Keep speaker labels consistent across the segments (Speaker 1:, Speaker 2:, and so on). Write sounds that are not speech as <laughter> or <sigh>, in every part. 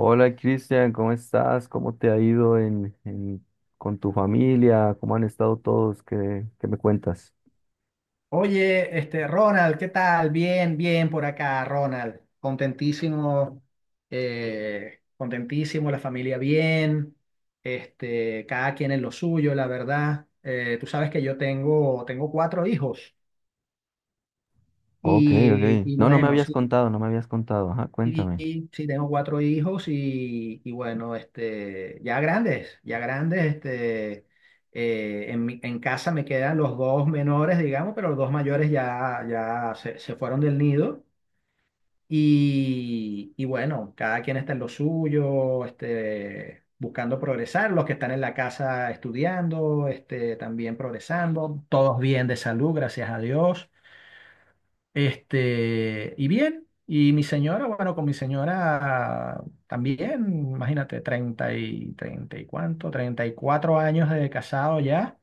Speaker 1: Hola Cristian, ¿cómo estás? ¿Cómo te ha ido con tu familia? ¿Cómo han estado todos? ¿Qué me cuentas?
Speaker 2: Oye, este, Ronald, ¿qué tal? Bien, bien por acá, Ronald. Contentísimo, contentísimo, la familia bien, este, cada quien en lo suyo, la verdad. Tú sabes que yo tengo cuatro hijos
Speaker 1: Ok, ok.
Speaker 2: y
Speaker 1: No, no me
Speaker 2: bueno,
Speaker 1: habías
Speaker 2: sí.
Speaker 1: contado, no me habías contado. Ajá, cuéntame.
Speaker 2: Y sí, tengo cuatro hijos y bueno, este, ya grandes, este, en casa me quedan los dos menores, digamos, pero los dos mayores ya, se fueron del nido y bueno, cada quien está en lo suyo, este, buscando progresar, los que están en la casa estudiando, este, también progresando, todos bien de salud, gracias a Dios. Este, y bien, y mi señora, bueno, con mi señora también, imagínate, 34 años de casado ya,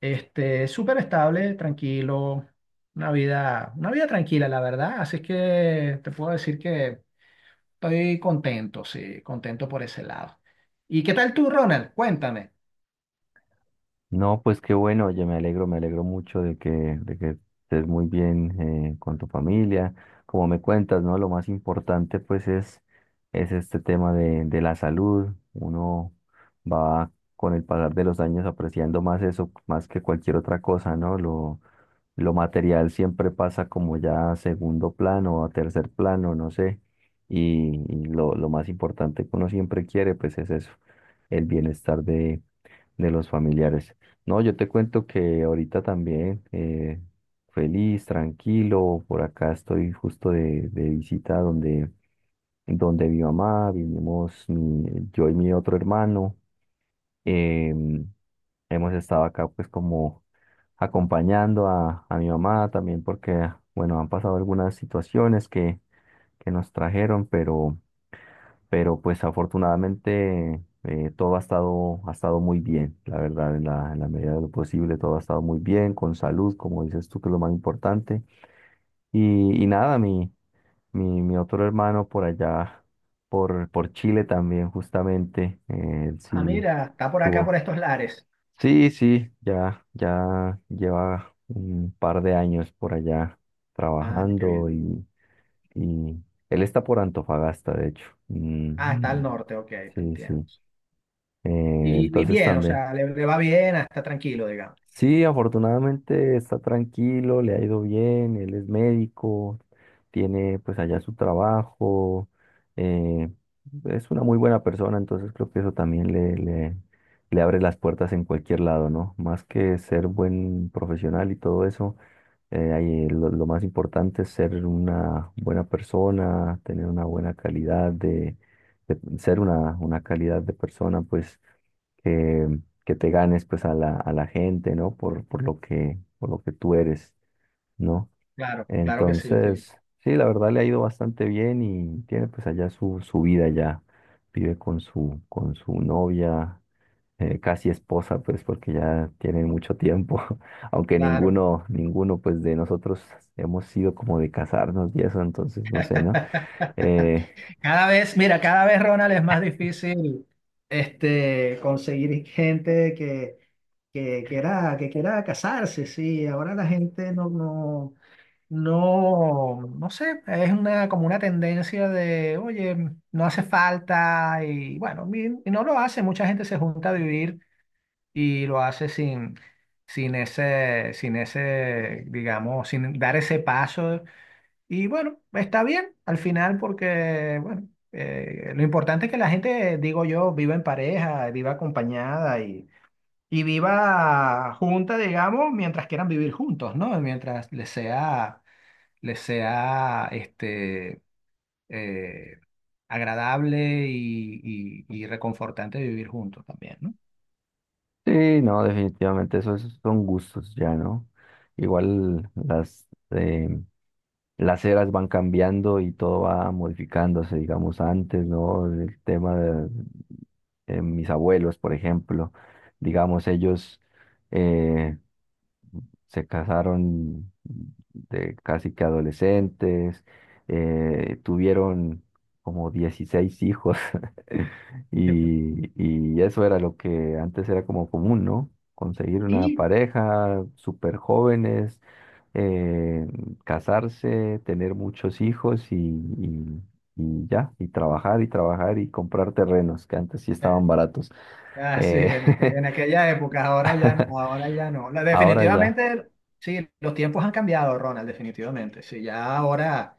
Speaker 2: este, súper estable, tranquilo, una vida tranquila, la verdad, así es que te puedo decir que estoy contento, sí, contento por ese lado. ¿Y qué tal tú, Ronald? Cuéntame.
Speaker 1: No, pues qué bueno, oye, me alegro mucho de que estés muy bien con tu familia. Como me cuentas, ¿no? Lo más importante pues es este tema de la salud. Uno va con el pasar de los años apreciando más eso, más que cualquier otra cosa, ¿no? Lo material siempre pasa como ya a segundo plano o a tercer plano, no sé. Y lo más importante que uno siempre quiere pues es eso, el bienestar de los familiares. No, yo te cuento que ahorita también feliz, tranquilo, por acá estoy justo de visita donde mi mamá, vivimos yo y mi otro hermano. em, Hemos estado acá pues como acompañando a mi mamá también porque, bueno, han pasado algunas situaciones que nos trajeron, pero pues afortunadamente todo ha estado muy bien, la verdad, en la medida de lo posible, todo ha estado muy bien, con salud, como dices tú, que es lo más importante. Y nada, mi otro hermano por allá, por Chile también, justamente, él
Speaker 2: Ah,
Speaker 1: sí
Speaker 2: mira, está por acá, por
Speaker 1: tuvo.
Speaker 2: estos lares.
Speaker 1: Sí, sí, ya lleva un par de años por allá
Speaker 2: Ah, qué
Speaker 1: trabajando
Speaker 2: bien.
Speaker 1: y él está por Antofagasta, de hecho.
Speaker 2: Ah, está al
Speaker 1: Mm,
Speaker 2: norte, ok, te
Speaker 1: sí, sí.
Speaker 2: entiendo. Y
Speaker 1: Entonces
Speaker 2: bien, o
Speaker 1: también.
Speaker 2: sea, le va bien, ah, está tranquilo, digamos.
Speaker 1: Sí, afortunadamente está tranquilo, le ha ido bien, él es médico, tiene pues allá su trabajo, eh, es una muy buena persona, entonces creo que eso también le abre las puertas en cualquier lado, ¿no? Más que ser buen profesional y todo eso, ahí lo más importante es ser una buena persona, tener una buena calidad ser una calidad de persona, pues que, que te ganes pues a la gente, ¿no? Por por lo que tú eres, ¿no?
Speaker 2: Claro, claro que sí, sí,
Speaker 1: Entonces, sí, la verdad le ha ido bastante bien y tiene pues allá su vida ya. Vive con su novia, casi esposa, pues porque ya tienen mucho tiempo, <laughs> aunque
Speaker 2: claro.
Speaker 1: ninguno pues de nosotros hemos sido como de casarnos y eso, entonces no sé, ¿no?
Speaker 2: <laughs>
Speaker 1: Eh,
Speaker 2: Cada vez, mira, cada vez, Ronald, es más difícil este, conseguir gente que, que quiera casarse, sí. Ahora la gente no sé, es una, como una tendencia de, oye, no hace falta y bueno, y no lo hace. Mucha gente se junta a vivir y lo hace sin, sin ese, digamos, sin dar ese paso. Y bueno, está bien al final porque, bueno, lo importante es que la gente, digo yo, viva en pareja, viva acompañada y viva junta, digamos, mientras quieran vivir juntos, ¿no? Mientras les sea, este, eh, agradable y, y reconfortante vivir juntos también, ¿no?
Speaker 1: sí, no, definitivamente eso son gustos ya, ¿no? Igual las eras van cambiando y todo va modificándose, digamos, antes, ¿no? El tema de mis abuelos, por ejemplo, digamos, ellos... eh, se casaron de casi que adolescentes, tuvieron como 16 hijos <laughs>
Speaker 2: <laughs>
Speaker 1: y eso era lo que antes era como común, ¿no? Conseguir una
Speaker 2: Y
Speaker 1: pareja, súper jóvenes, eh, casarse, tener muchos hijos y ya, y trabajar y trabajar y comprar terrenos que antes sí
Speaker 2: eh,
Speaker 1: estaban baratos.
Speaker 2: ah, sí,
Speaker 1: Eh, <laughs>
Speaker 2: en aquella época, ahora ya, ahora ya no.
Speaker 1: Ahora ya.
Speaker 2: Definitivamente, sí, los tiempos han cambiado, Ronald, definitivamente. Sí, ya ahora,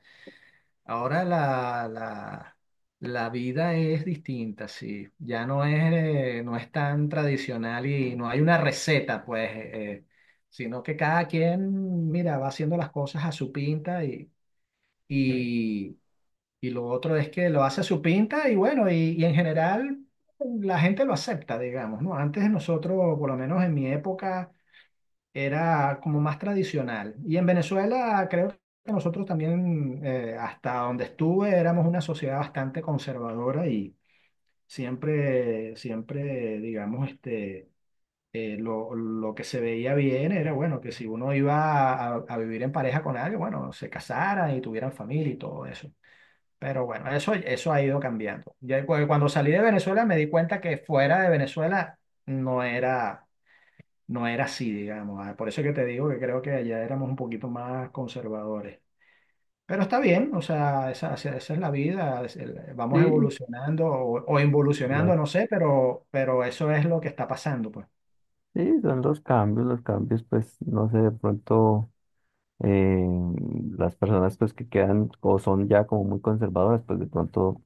Speaker 2: ahora la, la, la vida es distinta, sí. Ya no es, no es tan tradicional y no hay una receta, pues, sino que cada quien, mira, va haciendo las cosas a su pinta y, y y lo otro es que lo hace a su pinta y bueno, y en general la gente lo acepta, digamos, ¿no? Antes de nosotros, por lo menos en mi época, era como más tradicional. Y en Venezuela creo que nosotros también, hasta donde estuve, éramos una sociedad bastante conservadora y siempre, siempre, digamos, este, lo que se veía bien era, bueno, que si uno iba a vivir en pareja con alguien, bueno, se casaran y tuvieran familia y todo eso. Pero bueno, eso ha ido cambiando. Ya cuando salí de Venezuela me di cuenta que fuera de Venezuela no era, no era así, digamos. Ah, por eso que te digo que creo que allá éramos un poquito más conservadores. Pero está bien, o sea, esa es la vida. Vamos
Speaker 1: Sí,
Speaker 2: evolucionando o involucionando, no sé, pero eso es lo que está pasando, pues.
Speaker 1: sí, son los cambios, pues, no sé, de pronto eh, las personas pues que quedan o son ya como muy conservadoras, pues de pronto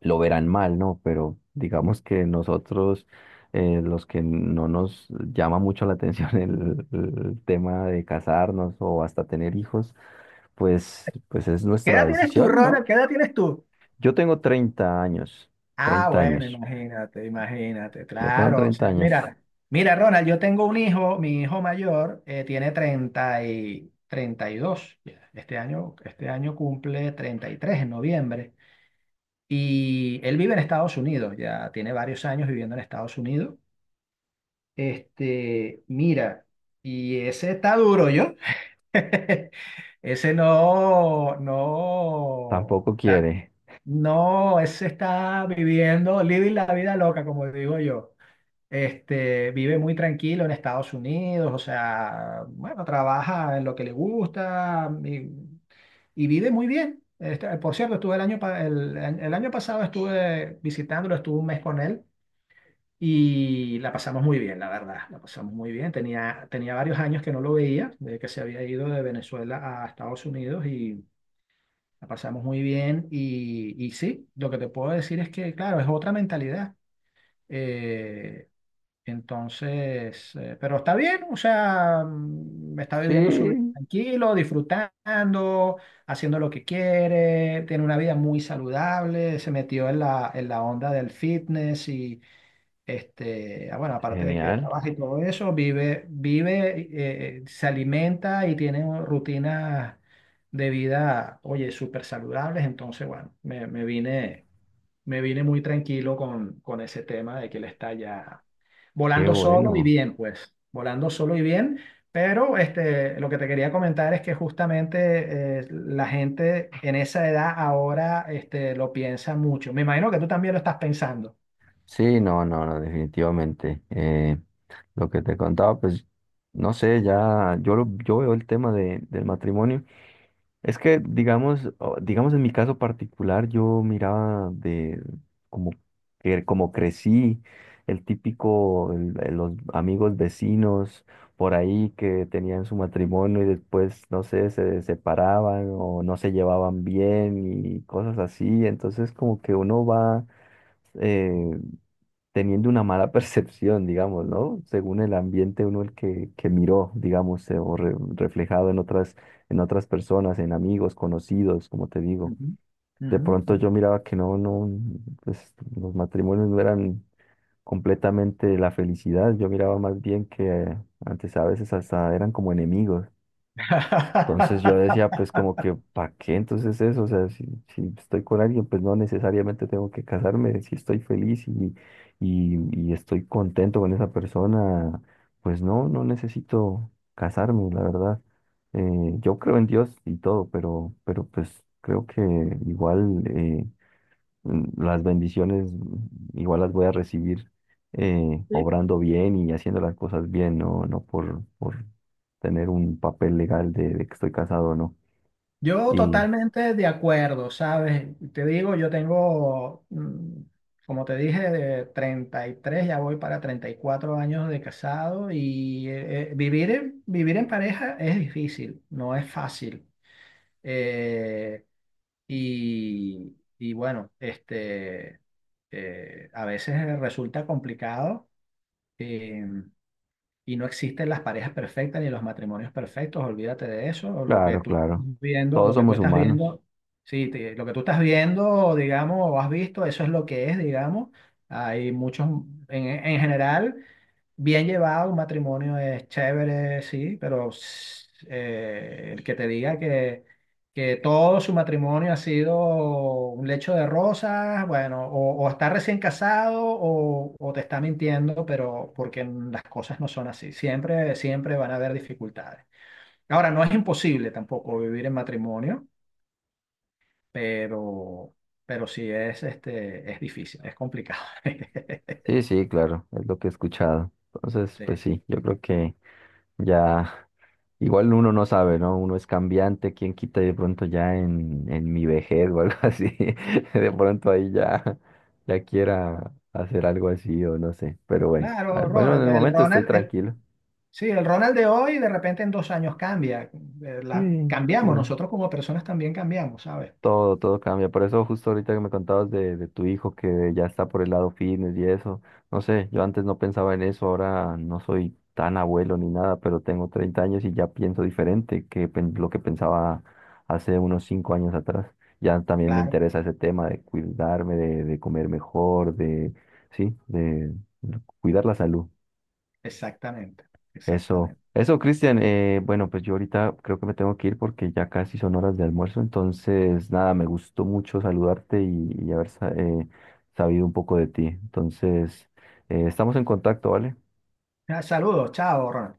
Speaker 1: lo verán mal, ¿no? Pero digamos que nosotros, los que no nos llama mucho la atención <laughs> el tema de casarnos o hasta tener hijos, pues es
Speaker 2: ¿Qué
Speaker 1: nuestra
Speaker 2: edad tienes tú,
Speaker 1: decisión, ¿no?
Speaker 2: Ronald? ¿Qué edad tienes tú?
Speaker 1: Yo tengo 30 años,
Speaker 2: Ah,
Speaker 1: 30
Speaker 2: bueno,
Speaker 1: años,
Speaker 2: imagínate, imagínate,
Speaker 1: yo tengo
Speaker 2: claro. O
Speaker 1: treinta
Speaker 2: sea,
Speaker 1: años,
Speaker 2: mira, mira, Ronald, yo tengo un hijo, mi hijo mayor tiene 30 y 32 ya. Este año cumple 33 en noviembre. Y él vive en Estados Unidos, ya tiene varios años viviendo en Estados Unidos. Este, mira, y ese está duro, yo. <laughs> Ese no, no.
Speaker 1: Tampoco quiere.
Speaker 2: No, ese está viviendo, living la vida loca, como digo yo. Este, vive muy tranquilo en Estados Unidos, o sea, bueno, trabaja en lo que le gusta y vive muy bien. Este, por cierto, estuve el año, pa- el año pasado estuve visitándolo, estuve un mes con él y la pasamos muy bien, la verdad, la pasamos muy bien. Tenía varios años que no lo veía, desde que se había ido de Venezuela a Estados Unidos y la pasamos muy bien y sí, lo que te puedo decir es que, claro, es otra mentalidad. Eh, pero está bien, o sea, mm, está viviendo su vida
Speaker 1: Sí,
Speaker 2: tranquilo, disfrutando, haciendo lo que quiere, tiene una vida muy saludable, se metió en la onda del fitness y, este, ah, bueno, aparte de que
Speaker 1: genial.
Speaker 2: trabaja y todo eso, vive, se alimenta y tiene rutinas de vida, oye, súper saludables. Entonces, bueno, me vine muy tranquilo con ese tema de que él está ya
Speaker 1: Qué
Speaker 2: volando solo y
Speaker 1: bueno.
Speaker 2: bien, pues, volando solo y bien. Pero este, lo que te quería comentar es que justamente la gente en esa edad ahora este, lo piensa mucho. Me imagino que tú también lo estás pensando.
Speaker 1: Sí, no, no, no, definitivamente. Lo que te contaba, pues, no sé, ya, yo veo el tema del matrimonio. Es que, digamos, digamos en mi caso particular, yo miraba de como, como crecí, el típico, los amigos vecinos por ahí que tenían su matrimonio y después, no sé, se separaban o no se llevaban bien y cosas así. Entonces, como que uno va eh, teniendo una mala <laughs> percepción, digamos, ¿no? Según el ambiente uno el que miró, digamos, o reflejado en otras, personas, en amigos, conocidos, como te digo.
Speaker 2: Ujú,
Speaker 1: De
Speaker 2: ujú,
Speaker 1: pronto
Speaker 2: ujú.
Speaker 1: yo miraba que no, no, pues los matrimonios no eran completamente la felicidad, yo miraba más bien que antes a veces hasta eran como enemigos. Entonces yo decía,
Speaker 2: <laughs>
Speaker 1: pues como que, ¿para qué entonces eso? O sea, si estoy con alguien, pues no necesariamente tengo que casarme. Si estoy feliz y estoy contento con esa persona, pues no necesito casarme, la verdad. Yo creo en Dios y todo, pero pues creo que igual las bendiciones igual las voy a recibir
Speaker 2: Sí.
Speaker 1: obrando bien y haciendo las cosas bien, no por tener un papel legal de que estoy casado o no.
Speaker 2: Yo
Speaker 1: Y
Speaker 2: totalmente de acuerdo, ¿sabes? Te digo, yo tengo, mm, como te dije, de 33, ya voy para 34 años de casado y vivir en, vivir en pareja es difícil, no es fácil. Eh, y, y bueno, este, a veces resulta complicado. eh, Y no existen las parejas perfectas ni los matrimonios perfectos, olvídate de eso. O Lo que
Speaker 1: claro,
Speaker 2: tú estás
Speaker 1: claro,
Speaker 2: viendo,
Speaker 1: todos
Speaker 2: lo que tú
Speaker 1: somos
Speaker 2: estás
Speaker 1: humanos.
Speaker 2: viendo, sí, lo que tú estás viendo, digamos, o has visto, eso es lo que es, digamos. Hay muchos, en general, bien llevado, un matrimonio es chévere, sí, pero el que te diga que todo su matrimonio ha sido un lecho de rosas, bueno, o está recién casado o te está mintiendo, pero porque las cosas no son así. Siempre, siempre van a haber dificultades. Ahora, no es imposible tampoco vivir en matrimonio, pero, pero sí es, este, es difícil, es complicado. <laughs>
Speaker 1: Sí, sí, claro, es lo que he escuchado. Entonces,
Speaker 2: Sí.
Speaker 1: pues sí, yo creo que ya. Igual uno no sabe, ¿no? Uno es cambiante, quién quita y de pronto ya en mi vejez o algo así, <laughs> de pronto ahí ya quiera hacer algo así o no sé, pero bueno,
Speaker 2: Claro,
Speaker 1: bueno, en el momento estoy
Speaker 2: Ronald,
Speaker 1: tranquilo.
Speaker 2: sí, el Ronald de hoy de repente en dos años cambia.
Speaker 1: Sí,
Speaker 2: Cambiamos,
Speaker 1: sí.
Speaker 2: nosotros como personas también cambiamos, ¿sabes?
Speaker 1: Todo cambia. Por eso justo ahorita que me contabas de tu hijo que ya está por el lado fitness y eso. No sé, yo antes no pensaba en eso, ahora no soy tan abuelo ni nada, pero tengo 30 años y ya pienso diferente que lo que pensaba hace unos 5 años atrás. Ya también me
Speaker 2: Claro.
Speaker 1: interesa ese tema de cuidarme, de comer mejor, sí, de cuidar la salud.
Speaker 2: Exactamente,
Speaker 1: Eso,
Speaker 2: exactamente.
Speaker 1: eso, Cristian. Bueno, pues yo ahorita creo que me tengo que ir porque ya casi son horas de almuerzo. Entonces, nada, me gustó mucho saludarte y haber sabido un poco de ti. Entonces, estamos en contacto, ¿vale?
Speaker 2: Ah, saludos, chao, Ronald.